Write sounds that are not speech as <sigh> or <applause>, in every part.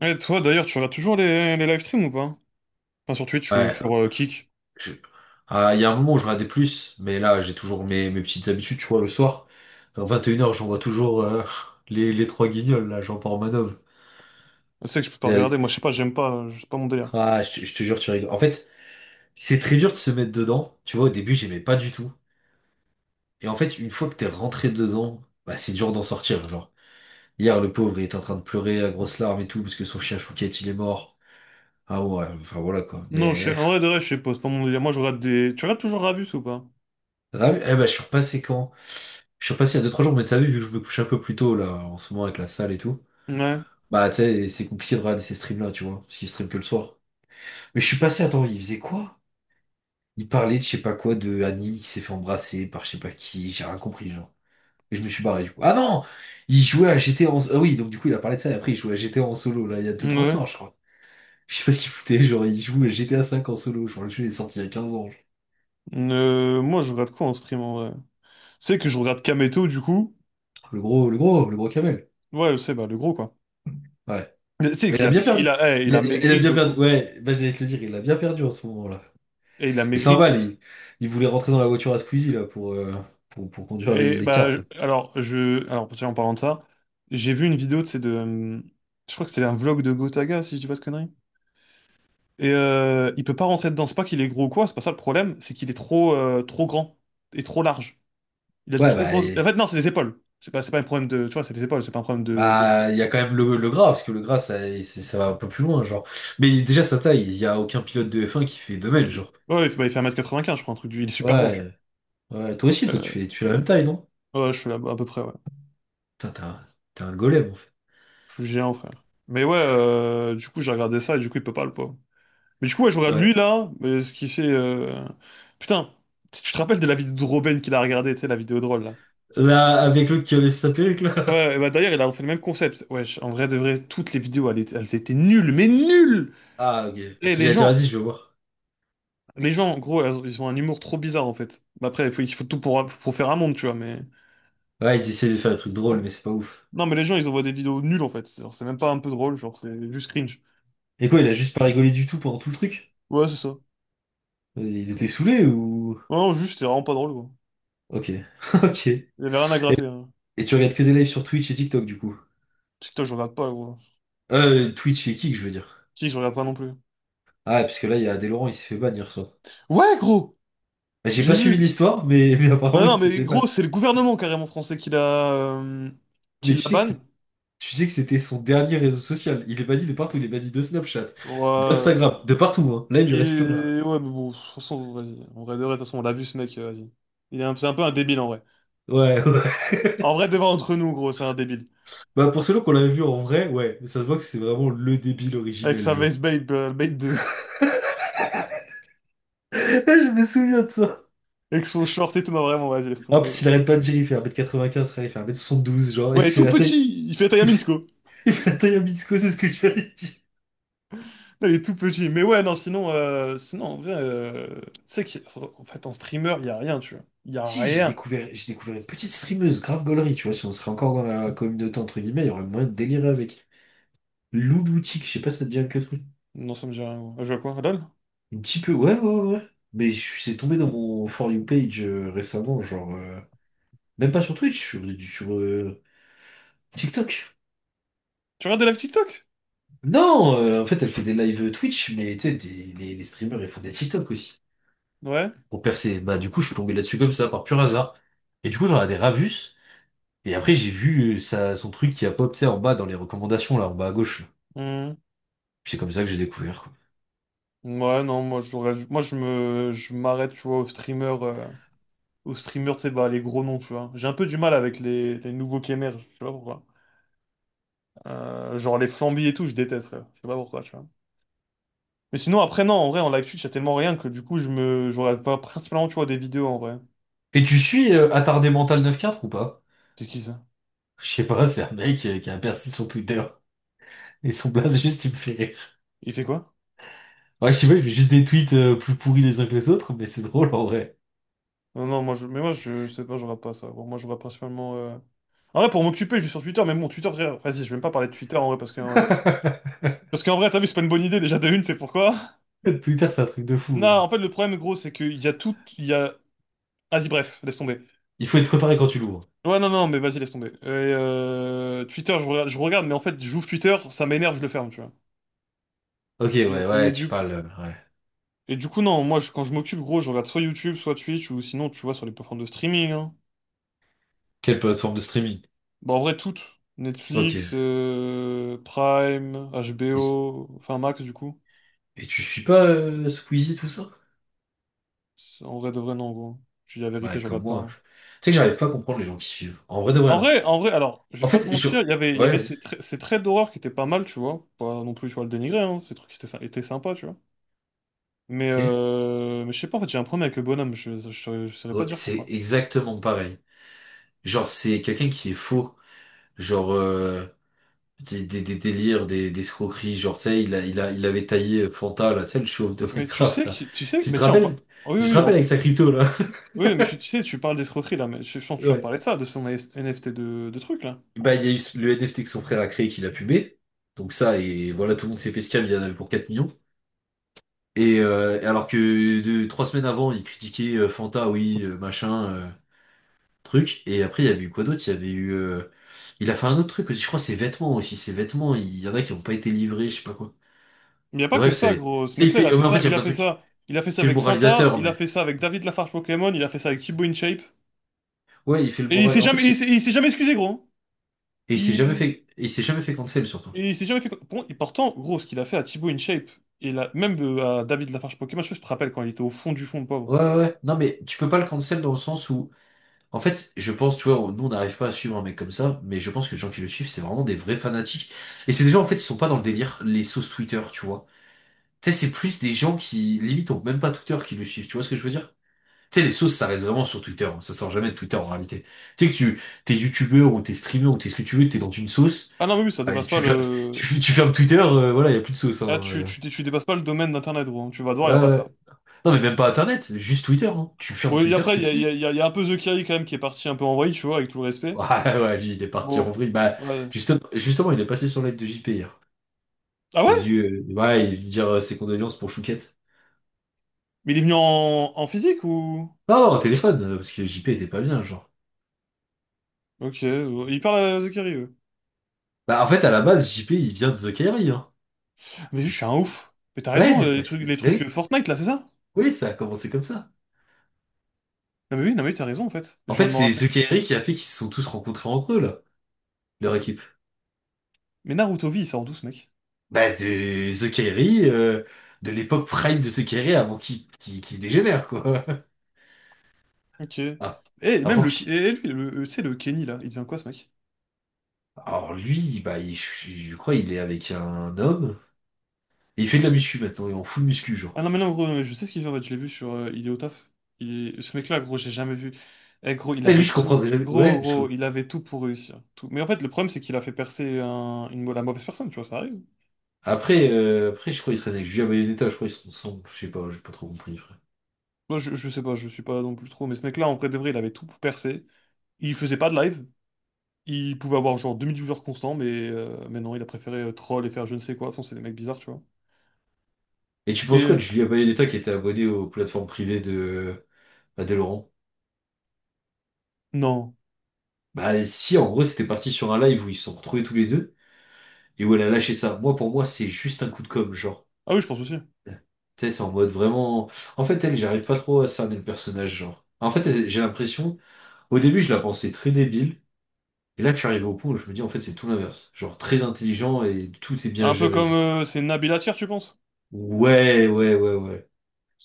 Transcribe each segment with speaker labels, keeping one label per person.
Speaker 1: Et toi d'ailleurs, tu regardes toujours les live streams ou pas? Enfin sur Twitch ou
Speaker 2: Ouais,
Speaker 1: sur Kick.
Speaker 2: je- ah, il y a un moment où je regardais plus, mais là j'ai toujours mes petites habitudes, tu vois, le soir, à 21 heures j'envoie toujours <laughs> les trois guignols, là, Jean-Paul Manov.
Speaker 1: Je sais que je peux pas
Speaker 2: Et, euh,
Speaker 1: regarder, moi je sais pas, j'aime pas, c'est pas mon délire.
Speaker 2: Ah, je te jure, tu rigoles. En fait, c'est très dur de se mettre dedans, tu vois, au début j'aimais pas du tout. Et en fait, une fois que t'es rentré dedans, bah c'est dur d'en sortir, genre. Hier, le pauvre, il était en train de pleurer à grosses larmes et tout, parce que son chien Chouquette, il est mort. Ah ouais, enfin voilà quoi.
Speaker 1: Non, je sais,
Speaker 2: Mais
Speaker 1: en vrai de vrai, je sais pas, c'est pas mon délire. Moi je regarde des. Tu regardes toujours Ravus ou pas?
Speaker 2: Ravi. Eh ben, je suis repassé quand? Je suis repassé il y a deux trois jours, mais t'as vu, vu que je me couche un peu plus tôt, là, en ce moment, avec la salle et tout.
Speaker 1: Ouais.
Speaker 2: Bah, tu sais, c'est compliqué de regarder ces streams-là, tu vois, parce qu'ils streament que le soir. Mais je suis passé, attends, il faisait quoi? Il parlait de je sais pas quoi, de Annie qui s'est fait embrasser par je sais pas qui, j'ai rien compris, genre. Et je me suis barré, du coup. Ah non! Il jouait à GTA en... Ah oui, donc du coup, il a parlé de ça, et après, il jouait à GTA en solo, là, il y a deux trois
Speaker 1: Ouais.
Speaker 2: soirs, je crois. Je sais pas ce qu'il foutait, genre, il joue à GTA 5 en solo, genre, le jeu il est sorti il y a 15 ans, genre.
Speaker 1: Moi je regarde quoi en stream en vrai? C'est que je regarde Kameto du coup.
Speaker 2: Le gros, le gros, le gros camel.
Speaker 1: Ouais, je sais, bah le gros quoi.
Speaker 2: Ouais.
Speaker 1: Mais c'est
Speaker 2: Mais il
Speaker 1: qu'il
Speaker 2: a
Speaker 1: a
Speaker 2: bien
Speaker 1: maigri,
Speaker 2: perdu.
Speaker 1: il a, il a
Speaker 2: Il a
Speaker 1: maigri
Speaker 2: bien
Speaker 1: de
Speaker 2: perdu.
Speaker 1: fou.
Speaker 2: Ouais, bah, j'allais te le dire, il a bien perdu en ce moment-là.
Speaker 1: Et il a
Speaker 2: Mais c'est
Speaker 1: maigri
Speaker 2: un
Speaker 1: de.
Speaker 2: bal, il voulait rentrer dans la voiture à Squeezie là, pour conduire
Speaker 1: Et
Speaker 2: les cartes. Là.
Speaker 1: alors je. Alors tiens, en parlant de ça, j'ai vu une vidéo de c'est de. Je crois que c'était un vlog de Gotaga, si je dis pas de conneries. Et il peut pas rentrer dedans. C'est pas qu'il est gros ou quoi, c'est pas ça le problème, c'est qu'il est trop, trop grand et trop large. Il a de
Speaker 2: Ouais,
Speaker 1: trop grosses. En fait, non, c'est des épaules. C'est pas un problème de. Tu vois, c'est des épaules, c'est pas un problème de. De...
Speaker 2: bah, il y a quand même le gras, parce que le gras, ça, ça va un peu plus loin, genre. Mais déjà, sa taille, il n'y a aucun pilote de F1 qui fait 2 mètres,
Speaker 1: Euh,
Speaker 2: genre.
Speaker 1: ouais, il fait un mètre quatre-vingt-quinze, je crois, un truc du. Il est super grand, tu
Speaker 2: Ouais, ouais, toi aussi,
Speaker 1: vois.
Speaker 2: toi, tu fais la même taille, non?
Speaker 1: Ouais, je suis là, à peu près, ouais.
Speaker 2: Putain, t'es un golem, en fait.
Speaker 1: Je suis géant, frère. Mais ouais, du coup, j'ai regardé ça et du coup, il peut pas, le pauvre. Mais du coup, ouais, je regarde
Speaker 2: Ouais.
Speaker 1: lui là, mais ce qui fait. Putain, si tu te rappelles de la vidéo de Robin qu'il a regardé, tu sais, la vidéo drôle là.
Speaker 2: Là, avec l'autre qui enlève sa perruque, là.
Speaker 1: Ouais, bah d'ailleurs, il a refait le même concept. Wesh, en vrai de vrai, toutes les vidéos, elles étaient nulles, mais nulles!
Speaker 2: Ah, ok.
Speaker 1: Et
Speaker 2: Parce que
Speaker 1: les
Speaker 2: j'allais dire,
Speaker 1: gens,
Speaker 2: vas-y, je vais voir.
Speaker 1: les gens, en gros, ils ont un humour trop bizarre, en fait. Bah après, il faut tout pour faire un monde, tu vois, mais...
Speaker 2: Ouais, ils essaient de faire des trucs drôles, mais c'est pas ouf.
Speaker 1: Non, mais les gens, ils envoient des vidéos nulles, en fait. Genre, c'est même pas un peu drôle, genre, c'est juste cringe.
Speaker 2: Et quoi, il a juste pas rigolé du tout pendant tout le truc?
Speaker 1: Ouais, c'est ça. Ouais,
Speaker 2: Il était saoulé ou...
Speaker 1: non, juste, c'est vraiment pas drôle, quoi.
Speaker 2: Ok, <laughs> ok.
Speaker 1: Il y avait rien à gratter, hein.
Speaker 2: Et tu regardes que des lives sur Twitch et TikTok du coup?
Speaker 1: TikTok, je regarde pas, gros.
Speaker 2: Twitch et Kick, je veux dire.
Speaker 1: Qui, je regarde pas non plus.
Speaker 2: Ah, parce que là, il y a Adèle Laurent, il s'est fait ban hier soir.
Speaker 1: Ouais, gros!
Speaker 2: Bah, j'ai pas
Speaker 1: J'ai
Speaker 2: suivi
Speaker 1: vu!
Speaker 2: l'histoire, mais <laughs> mais
Speaker 1: Bah
Speaker 2: apparemment, il
Speaker 1: non,
Speaker 2: s'est
Speaker 1: mais
Speaker 2: fait ban.
Speaker 1: gros, c'est le gouvernement, carrément, français, qui
Speaker 2: Mais tu
Speaker 1: l'a
Speaker 2: sais que
Speaker 1: ban.
Speaker 2: c'est, tu sais que c'était son dernier réseau social. Il est banni de partout. Il est banni de Snapchat,
Speaker 1: Ouais...
Speaker 2: d'Instagram, de partout, hein. Là, il lui reste plus rien.
Speaker 1: Ouais, mais bon, de toute façon, vas-y. En vrai, de toute façon, on l'a vu ce mec, vas-y. C'est un peu un débile en vrai.
Speaker 2: Ouais,
Speaker 1: En
Speaker 2: ouais.
Speaker 1: vrai, devant entre nous, gros, c'est un débile.
Speaker 2: <laughs> Bah, pour ceux qu'on l'avait vu en vrai, ouais. Mais ça se voit que c'est vraiment le débile
Speaker 1: Avec
Speaker 2: originel,
Speaker 1: sa
Speaker 2: genre.
Speaker 1: veste babe, babe deux
Speaker 2: <laughs> Je me souviens de ça.
Speaker 1: <laughs> avec son short et tout, non, vraiment, vas-y, laisse
Speaker 2: En
Speaker 1: tomber.
Speaker 2: plus, il arrête pas de dire, il fait 1m95, frère, il fait 1m72, genre,
Speaker 1: Ouais, il est tout petit, il fait la taille à Minsko.
Speaker 2: il fait la taille à Mitsuko, c'est ce que j'allais dire.
Speaker 1: Non, il est tout petit. Mais ouais, non, sinon, sinon en vrai, tu sais qu'en fait, en streamer, il y a rien, tu vois. Il y a
Speaker 2: Si,
Speaker 1: rien.
Speaker 2: j'ai découvert une petite streameuse, grave gaulerie, tu vois, si on serait encore dans la communauté, entre guillemets, il y aurait moyen de délirer avec. Louloutique, je sais pas si ça te dit quelque chose.
Speaker 1: Non, ça me dit rien. Moi, je vois quoi, LOL?
Speaker 2: Un petit peu, ouais, ouais, ouais, ouais. Mais je suis tombé dans mon For You page récemment, genre, même pas sur Twitch, sur TikTok.
Speaker 1: Tu regardes de la TikTok?
Speaker 2: Non, en fait, elle fait des lives Twitch, mais tu sais, les streamers, ils font des TikTok aussi
Speaker 1: Ouais.
Speaker 2: pour percer. Bah, du coup, je suis tombé là-dessus comme ça, par pur hasard. Et du coup, j'en ai des Ravus. Et après, j'ai vu ça, son truc qui a pop, tu sais, en bas dans les recommandations, là, en bas à gauche, là.
Speaker 1: Hmm.
Speaker 2: C'est comme ça que j'ai découvert, quoi.
Speaker 1: Ouais, non, moi, moi, je m'arrête, tu vois, aux streamers. Aux streamers, tu sais, bah, les gros noms, tu vois. J'ai un peu du mal avec les nouveaux qui émergent, je sais pas pourquoi. Genre les Flamby et tout, je déteste, frère. Je sais pas pourquoi, tu vois. Mais sinon, après, non, en vrai, en live Twitch, y a tellement rien que du coup, je regarde pas principalement, tu vois, des vidéos, en vrai.
Speaker 2: Et tu suis Attardé Mental 9-4 ou pas?
Speaker 1: C'est qui ça?
Speaker 2: Je sais pas, c'est un mec qui a percé son Twitter. Et son blaze, juste, il me fait rire.
Speaker 1: Il fait quoi?
Speaker 2: Ouais, je sais pas, il fait juste des tweets plus pourris les uns que les autres, mais c'est drôle en vrai.
Speaker 1: Non, non, mais moi, je sais pas, je regarde pas ça. Bon, moi, je regarde principalement, en vrai, pour m'occuper, je suis sur Twitter, mais bon, Twitter, frère, vas-y, je vais même pas parler de Twitter, en vrai,
Speaker 2: <laughs>
Speaker 1: parce qu'en vrai, t'as vu, c'est pas une bonne idée, déjà, de une, c'est pourquoi?
Speaker 2: Twitter, c'est un truc de fou,
Speaker 1: Non, en
Speaker 2: genre.
Speaker 1: fait, le problème, gros, c'est qu'il y a tout, il y a... Vas-y, bref, laisse tomber.
Speaker 2: Il faut être préparé quand tu l'ouvres.
Speaker 1: Ouais, non, non, mais vas-y, laisse tomber. Et, Twitter, je regarde, mais en fait, j'ouvre Twitter, ça m'énerve, je le ferme, tu vois.
Speaker 2: Ok,
Speaker 1: Et,
Speaker 2: ouais,
Speaker 1: et
Speaker 2: ouais, tu
Speaker 1: du,
Speaker 2: parles, ouais.
Speaker 1: et du coup, non, moi, quand je m'occupe, gros, je regarde soit YouTube, soit Twitch, ou sinon, tu vois, sur les plateformes de streaming, hein.
Speaker 2: Quelle plateforme de streaming?
Speaker 1: Bah, en vrai, toutes.
Speaker 2: Ok.
Speaker 1: Netflix, Prime,
Speaker 2: Et
Speaker 1: HBO, enfin, Max, du coup.
Speaker 2: Et tu suis pas Squeezie, tout ça?
Speaker 1: En vrai, de vrai, non, gros. Je dis la vérité,
Speaker 2: Ouais,
Speaker 1: je
Speaker 2: comme
Speaker 1: regarde pas,
Speaker 2: moi,
Speaker 1: hein.
Speaker 2: tu sais que j'arrive pas à comprendre les gens qui suivent. En vrai de vrai, hein.
Speaker 1: En vrai, alors, je vais
Speaker 2: En
Speaker 1: pas te
Speaker 2: fait, je...
Speaker 1: mentir, il y
Speaker 2: Ouais,
Speaker 1: avait
Speaker 2: vas-y.
Speaker 1: ces traits d'horreur qui étaient pas mal, tu vois. Pas non plus, tu vois, le dénigrer, hein. Ces trucs qui étaient, sy- étaient sympas, tu vois.
Speaker 2: Ok.
Speaker 1: Mais je sais pas, en fait, j'ai un problème avec le bonhomme, je saurais pas
Speaker 2: Ouais,
Speaker 1: te dire
Speaker 2: c'est
Speaker 1: pourquoi.
Speaker 2: exactement pareil. Genre, c'est quelqu'un qui est faux. Genre, des délires, des escroqueries. Genre, tu sais, il avait taillé Fanta, là, tu sais, le chauve de
Speaker 1: Mais tu
Speaker 2: Minecraft,
Speaker 1: sais
Speaker 2: là.
Speaker 1: que, tu sais,
Speaker 2: Tu
Speaker 1: mais
Speaker 2: te
Speaker 1: tiens,
Speaker 2: rappelles?
Speaker 1: oh,
Speaker 2: Tu te
Speaker 1: oui, on-
Speaker 2: rappelles avec sa crypto, là? <laughs>
Speaker 1: oui, mais tu sais, tu parles d'escroquerie, là, mais je pense que tu vas me
Speaker 2: Ouais.
Speaker 1: parler de ça, de son AS NFT de truc, là.
Speaker 2: Bah, il y a eu le NFT que son frère a créé qu'il a pubé. Donc ça, et voilà, tout le monde s'est fait scam, il y en avait pour 4 millions. Et et alors que deux, trois semaines avant, ils critiquaient Fanta, oui, machin, truc. Et après, il y avait eu quoi d'autre? Il y avait eu... il a fait un autre truc aussi, je crois, ses vêtements aussi. Ses vêtements, il y en a qui n'ont pas été livrés, je sais pas quoi.
Speaker 1: Il n'y a
Speaker 2: Mais
Speaker 1: pas que
Speaker 2: bref,
Speaker 1: ça,
Speaker 2: c'est...
Speaker 1: gros. Ce
Speaker 2: Tu sais, il
Speaker 1: mec-là, il a
Speaker 2: fait...
Speaker 1: fait
Speaker 2: Mais en fait,
Speaker 1: ça.
Speaker 2: il y a
Speaker 1: Il a
Speaker 2: plein de
Speaker 1: fait
Speaker 2: trucs.
Speaker 1: ça. Il a fait
Speaker 2: Il
Speaker 1: ça
Speaker 2: fait le
Speaker 1: avec Fanta.
Speaker 2: moralisateur,
Speaker 1: Il a
Speaker 2: mais...
Speaker 1: fait ça avec David Lafarge Pokémon. Il a fait ça avec Thibaut InShape.
Speaker 2: Ouais, il fait le
Speaker 1: Et
Speaker 2: moral... En fait,
Speaker 1: il s'est jamais excusé, gros. Il,
Speaker 2: et il s'est jamais fait cancel, surtout.
Speaker 1: et il s'est jamais fait. Bon, et pourtant, gros, ce qu'il a fait à Thibaut InShape, et là, même à David Lafarge Pokémon, je sais pas si tu te rappelles quand il était au fond du fond, le pauvre.
Speaker 2: Ouais, ouais, ouais. Non, mais tu peux pas le cancel dans le sens où... En fait, je pense, tu vois, nous on n'arrive pas à suivre un mec comme ça, mais je pense que les gens qui le suivent, c'est vraiment des vrais fanatiques. Et c'est des gens, en fait, ils sont pas dans le délire, les sauces Twitter, tu vois. Tu sais, c'est plus des gens qui, limite, ont même pas Twitter qui le suivent, tu vois ce que je veux dire? Tu sais, les sauces, ça reste vraiment sur Twitter, hein, ça sort jamais de Twitter en réalité. Tu sais que tu, t'es youtubeur ou t'es streamer ou t'es ce que tu veux, t'es dans une sauce,
Speaker 1: Ah non, mais oui, ça
Speaker 2: ah, et
Speaker 1: dépasse pas le.
Speaker 2: tu fermes Twitter, voilà, il y a plus de sauce,
Speaker 1: Ah,
Speaker 2: hein,
Speaker 1: tu dépasses pas le domaine d'Internet, gros, hein. Tu vas devoir, y a
Speaker 2: Ouais,
Speaker 1: pas de
Speaker 2: ouais.
Speaker 1: ça.
Speaker 2: Non, mais même pas Internet, juste Twitter, hein. Tu
Speaker 1: Bon,
Speaker 2: fermes
Speaker 1: et
Speaker 2: Twitter,
Speaker 1: après,
Speaker 2: c'est
Speaker 1: il y a, y a-
Speaker 2: fini.
Speaker 1: y a- y a un peu The Kerry quand même qui est parti un peu en vrille, tu vois, avec tout le respect.
Speaker 2: Ouais, ouais, lui, il est parti en
Speaker 1: Bon.
Speaker 2: vrille. Bah,
Speaker 1: Ouais.
Speaker 2: justement, il est passé sur l'aide de JP hier.
Speaker 1: Ah
Speaker 2: Il est
Speaker 1: ouais?
Speaker 2: venu, ouais, il est venu dire ses condoléances pour Chouquette.
Speaker 1: Mais il est venu en, en physique ou.
Speaker 2: Non, non, au téléphone, parce que JP était pas bien, genre.
Speaker 1: Ok, ouais, il parle à The Kerry, ouais.
Speaker 2: Bah, en fait, à la base, JP, il vient de The Kairi, hein.
Speaker 1: Mais je
Speaker 2: C'est-
Speaker 1: suis un
Speaker 2: c'est-
Speaker 1: ouf. Mais t'as raison,
Speaker 2: Ouais, bah,
Speaker 1: les
Speaker 2: bah
Speaker 1: trucs
Speaker 2: oui,
Speaker 1: Fortnite là, c'est ça?
Speaker 2: oui, ça a commencé comme ça.
Speaker 1: Non mais oui, non mais oui, t'as raison en fait.
Speaker 2: En
Speaker 1: Je viens
Speaker 2: fait,
Speaker 1: de m'en
Speaker 2: c'est
Speaker 1: rappeler.
Speaker 2: The Kairi qui a fait qu'ils se sont tous rencontrés entre eux, là, leur équipe.
Speaker 1: Mais Naruto V, il sort d'où ce mec?
Speaker 2: Bah, de The Kairi, de l'époque prime de The Kairi avant qu'il dégénère, quoi. <laughs>
Speaker 1: Ok.
Speaker 2: Ah,
Speaker 1: Et même
Speaker 2: avant
Speaker 1: le.
Speaker 2: qu'il...
Speaker 1: Et lui, tu sais, le Kenny là, il devient quoi ce mec?
Speaker 2: Alors lui, bah, je crois il est avec un homme. Et il fait de la muscu maintenant, il est en full muscu,
Speaker 1: Ah
Speaker 2: genre.
Speaker 1: non, mais non, gros, je sais ce qu'il fait en fait, je l'ai vu sur il est au taf. Ce mec-là, gros, j'ai jamais vu. Eh, gros, il
Speaker 2: Et lui,
Speaker 1: avait
Speaker 2: je comprendrais
Speaker 1: tout.
Speaker 2: jamais.
Speaker 1: Gros,
Speaker 2: Ouais,
Speaker 1: gros, il avait tout pour réussir. Tout. Mais en fait, le problème, c'est qu'il a fait percer une... la mauvaise personne, tu vois, ça arrive.
Speaker 2: après, je crois qu'il traîne avec Julia Bayonetta, je crois qu'ils sont ensemble. Je sais pas, j'ai pas trop compris, frère.
Speaker 1: Moi, je sais pas, je suis pas non plus trop, mais ce mec-là, en vrai de vrai, il avait tout pour percer. Il faisait pas de live. Il pouvait avoir genre 2000 viewers constants, mais non, il a préféré troll et faire je ne sais quoi. Enfin, c'est des mecs bizarres, tu vois.
Speaker 2: Et tu penses quoi
Speaker 1: Et
Speaker 2: de Julia Bayonetta qui était abonnée aux plateformes privées de Adèle Laurent?
Speaker 1: non.
Speaker 2: Bah si, en gros, c'était parti sur un live où ils se sont retrouvés tous les deux et où elle a lâché ça. Moi, pour moi, c'est juste un coup de com', genre.
Speaker 1: Ah oui, je pense aussi.
Speaker 2: Tu sais, c'est en mode vraiment. En fait, elle, j'arrive pas trop à cerner le personnage, genre. En fait, elle- j'ai l'impression, au début, je la pensais très débile. Et là, je suis arrivé au point où je me dis, en fait, c'est tout l'inverse. Genre, très intelligent et tout est bien
Speaker 1: Un peu
Speaker 2: géré,
Speaker 1: comme
Speaker 2: genre.
Speaker 1: c'est Nabil Attir, tu penses?
Speaker 2: Ouais, ouais, ouais, ouais.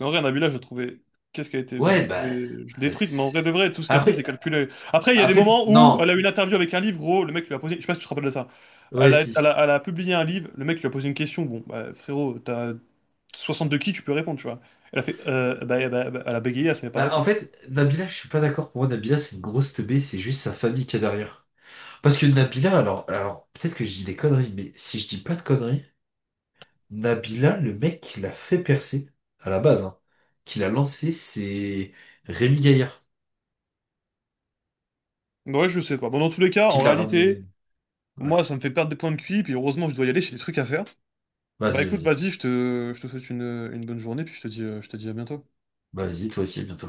Speaker 1: En vrai, Nabila, je trouvais. Qu'est-ce qu'elle était. Je
Speaker 2: Ouais, bah.
Speaker 1: trouvais. Je l'ai
Speaker 2: Ouais,
Speaker 1: détruite, mais en
Speaker 2: c'est-
Speaker 1: vrai de vrai, tout ce qu'elle fait,
Speaker 2: après,
Speaker 1: c'est calculer. Après, il y a des
Speaker 2: après,
Speaker 1: moments où elle
Speaker 2: non.
Speaker 1: a eu une interview avec un livre, gros, le mec lui a posé. Je sais pas si tu te rappelles de ça.
Speaker 2: Ouais, si.
Speaker 1: Elle a publié un livre, le mec lui a posé une question. Bon, bah, frérot, t'as 62 qui, tu peux répondre, tu vois. Elle a fait. Elle a bégayé, elle savait pas
Speaker 2: Bah, en
Speaker 1: répondre.
Speaker 2: fait, Nabila, je suis pas d'accord. Pour moi, Nabila, c'est une grosse teubée, c'est juste sa famille qui est derrière. Parce que Nabila, alors, peut-être que je dis des conneries, mais si je dis pas de conneries, Nabila, le mec qui l'a fait percer, à la base, hein, qui l'a lancé, c'est Rémi Gaillard,
Speaker 1: Ouais, je sais pas. Bon, dans tous les cas,
Speaker 2: qui
Speaker 1: en
Speaker 2: l'a
Speaker 1: réalité,
Speaker 2: ramené. Ouais.
Speaker 1: moi, ça me fait perdre des points de Q. QI, puis heureusement, je dois y aller, j'ai des trucs à faire. Bah,
Speaker 2: Vas-y,
Speaker 1: écoute,
Speaker 2: vas-y.
Speaker 1: vas-y, je te souhaite une bonne journée, puis je te dis à bientôt.
Speaker 2: Bah, vas-y, toi aussi, à bientôt.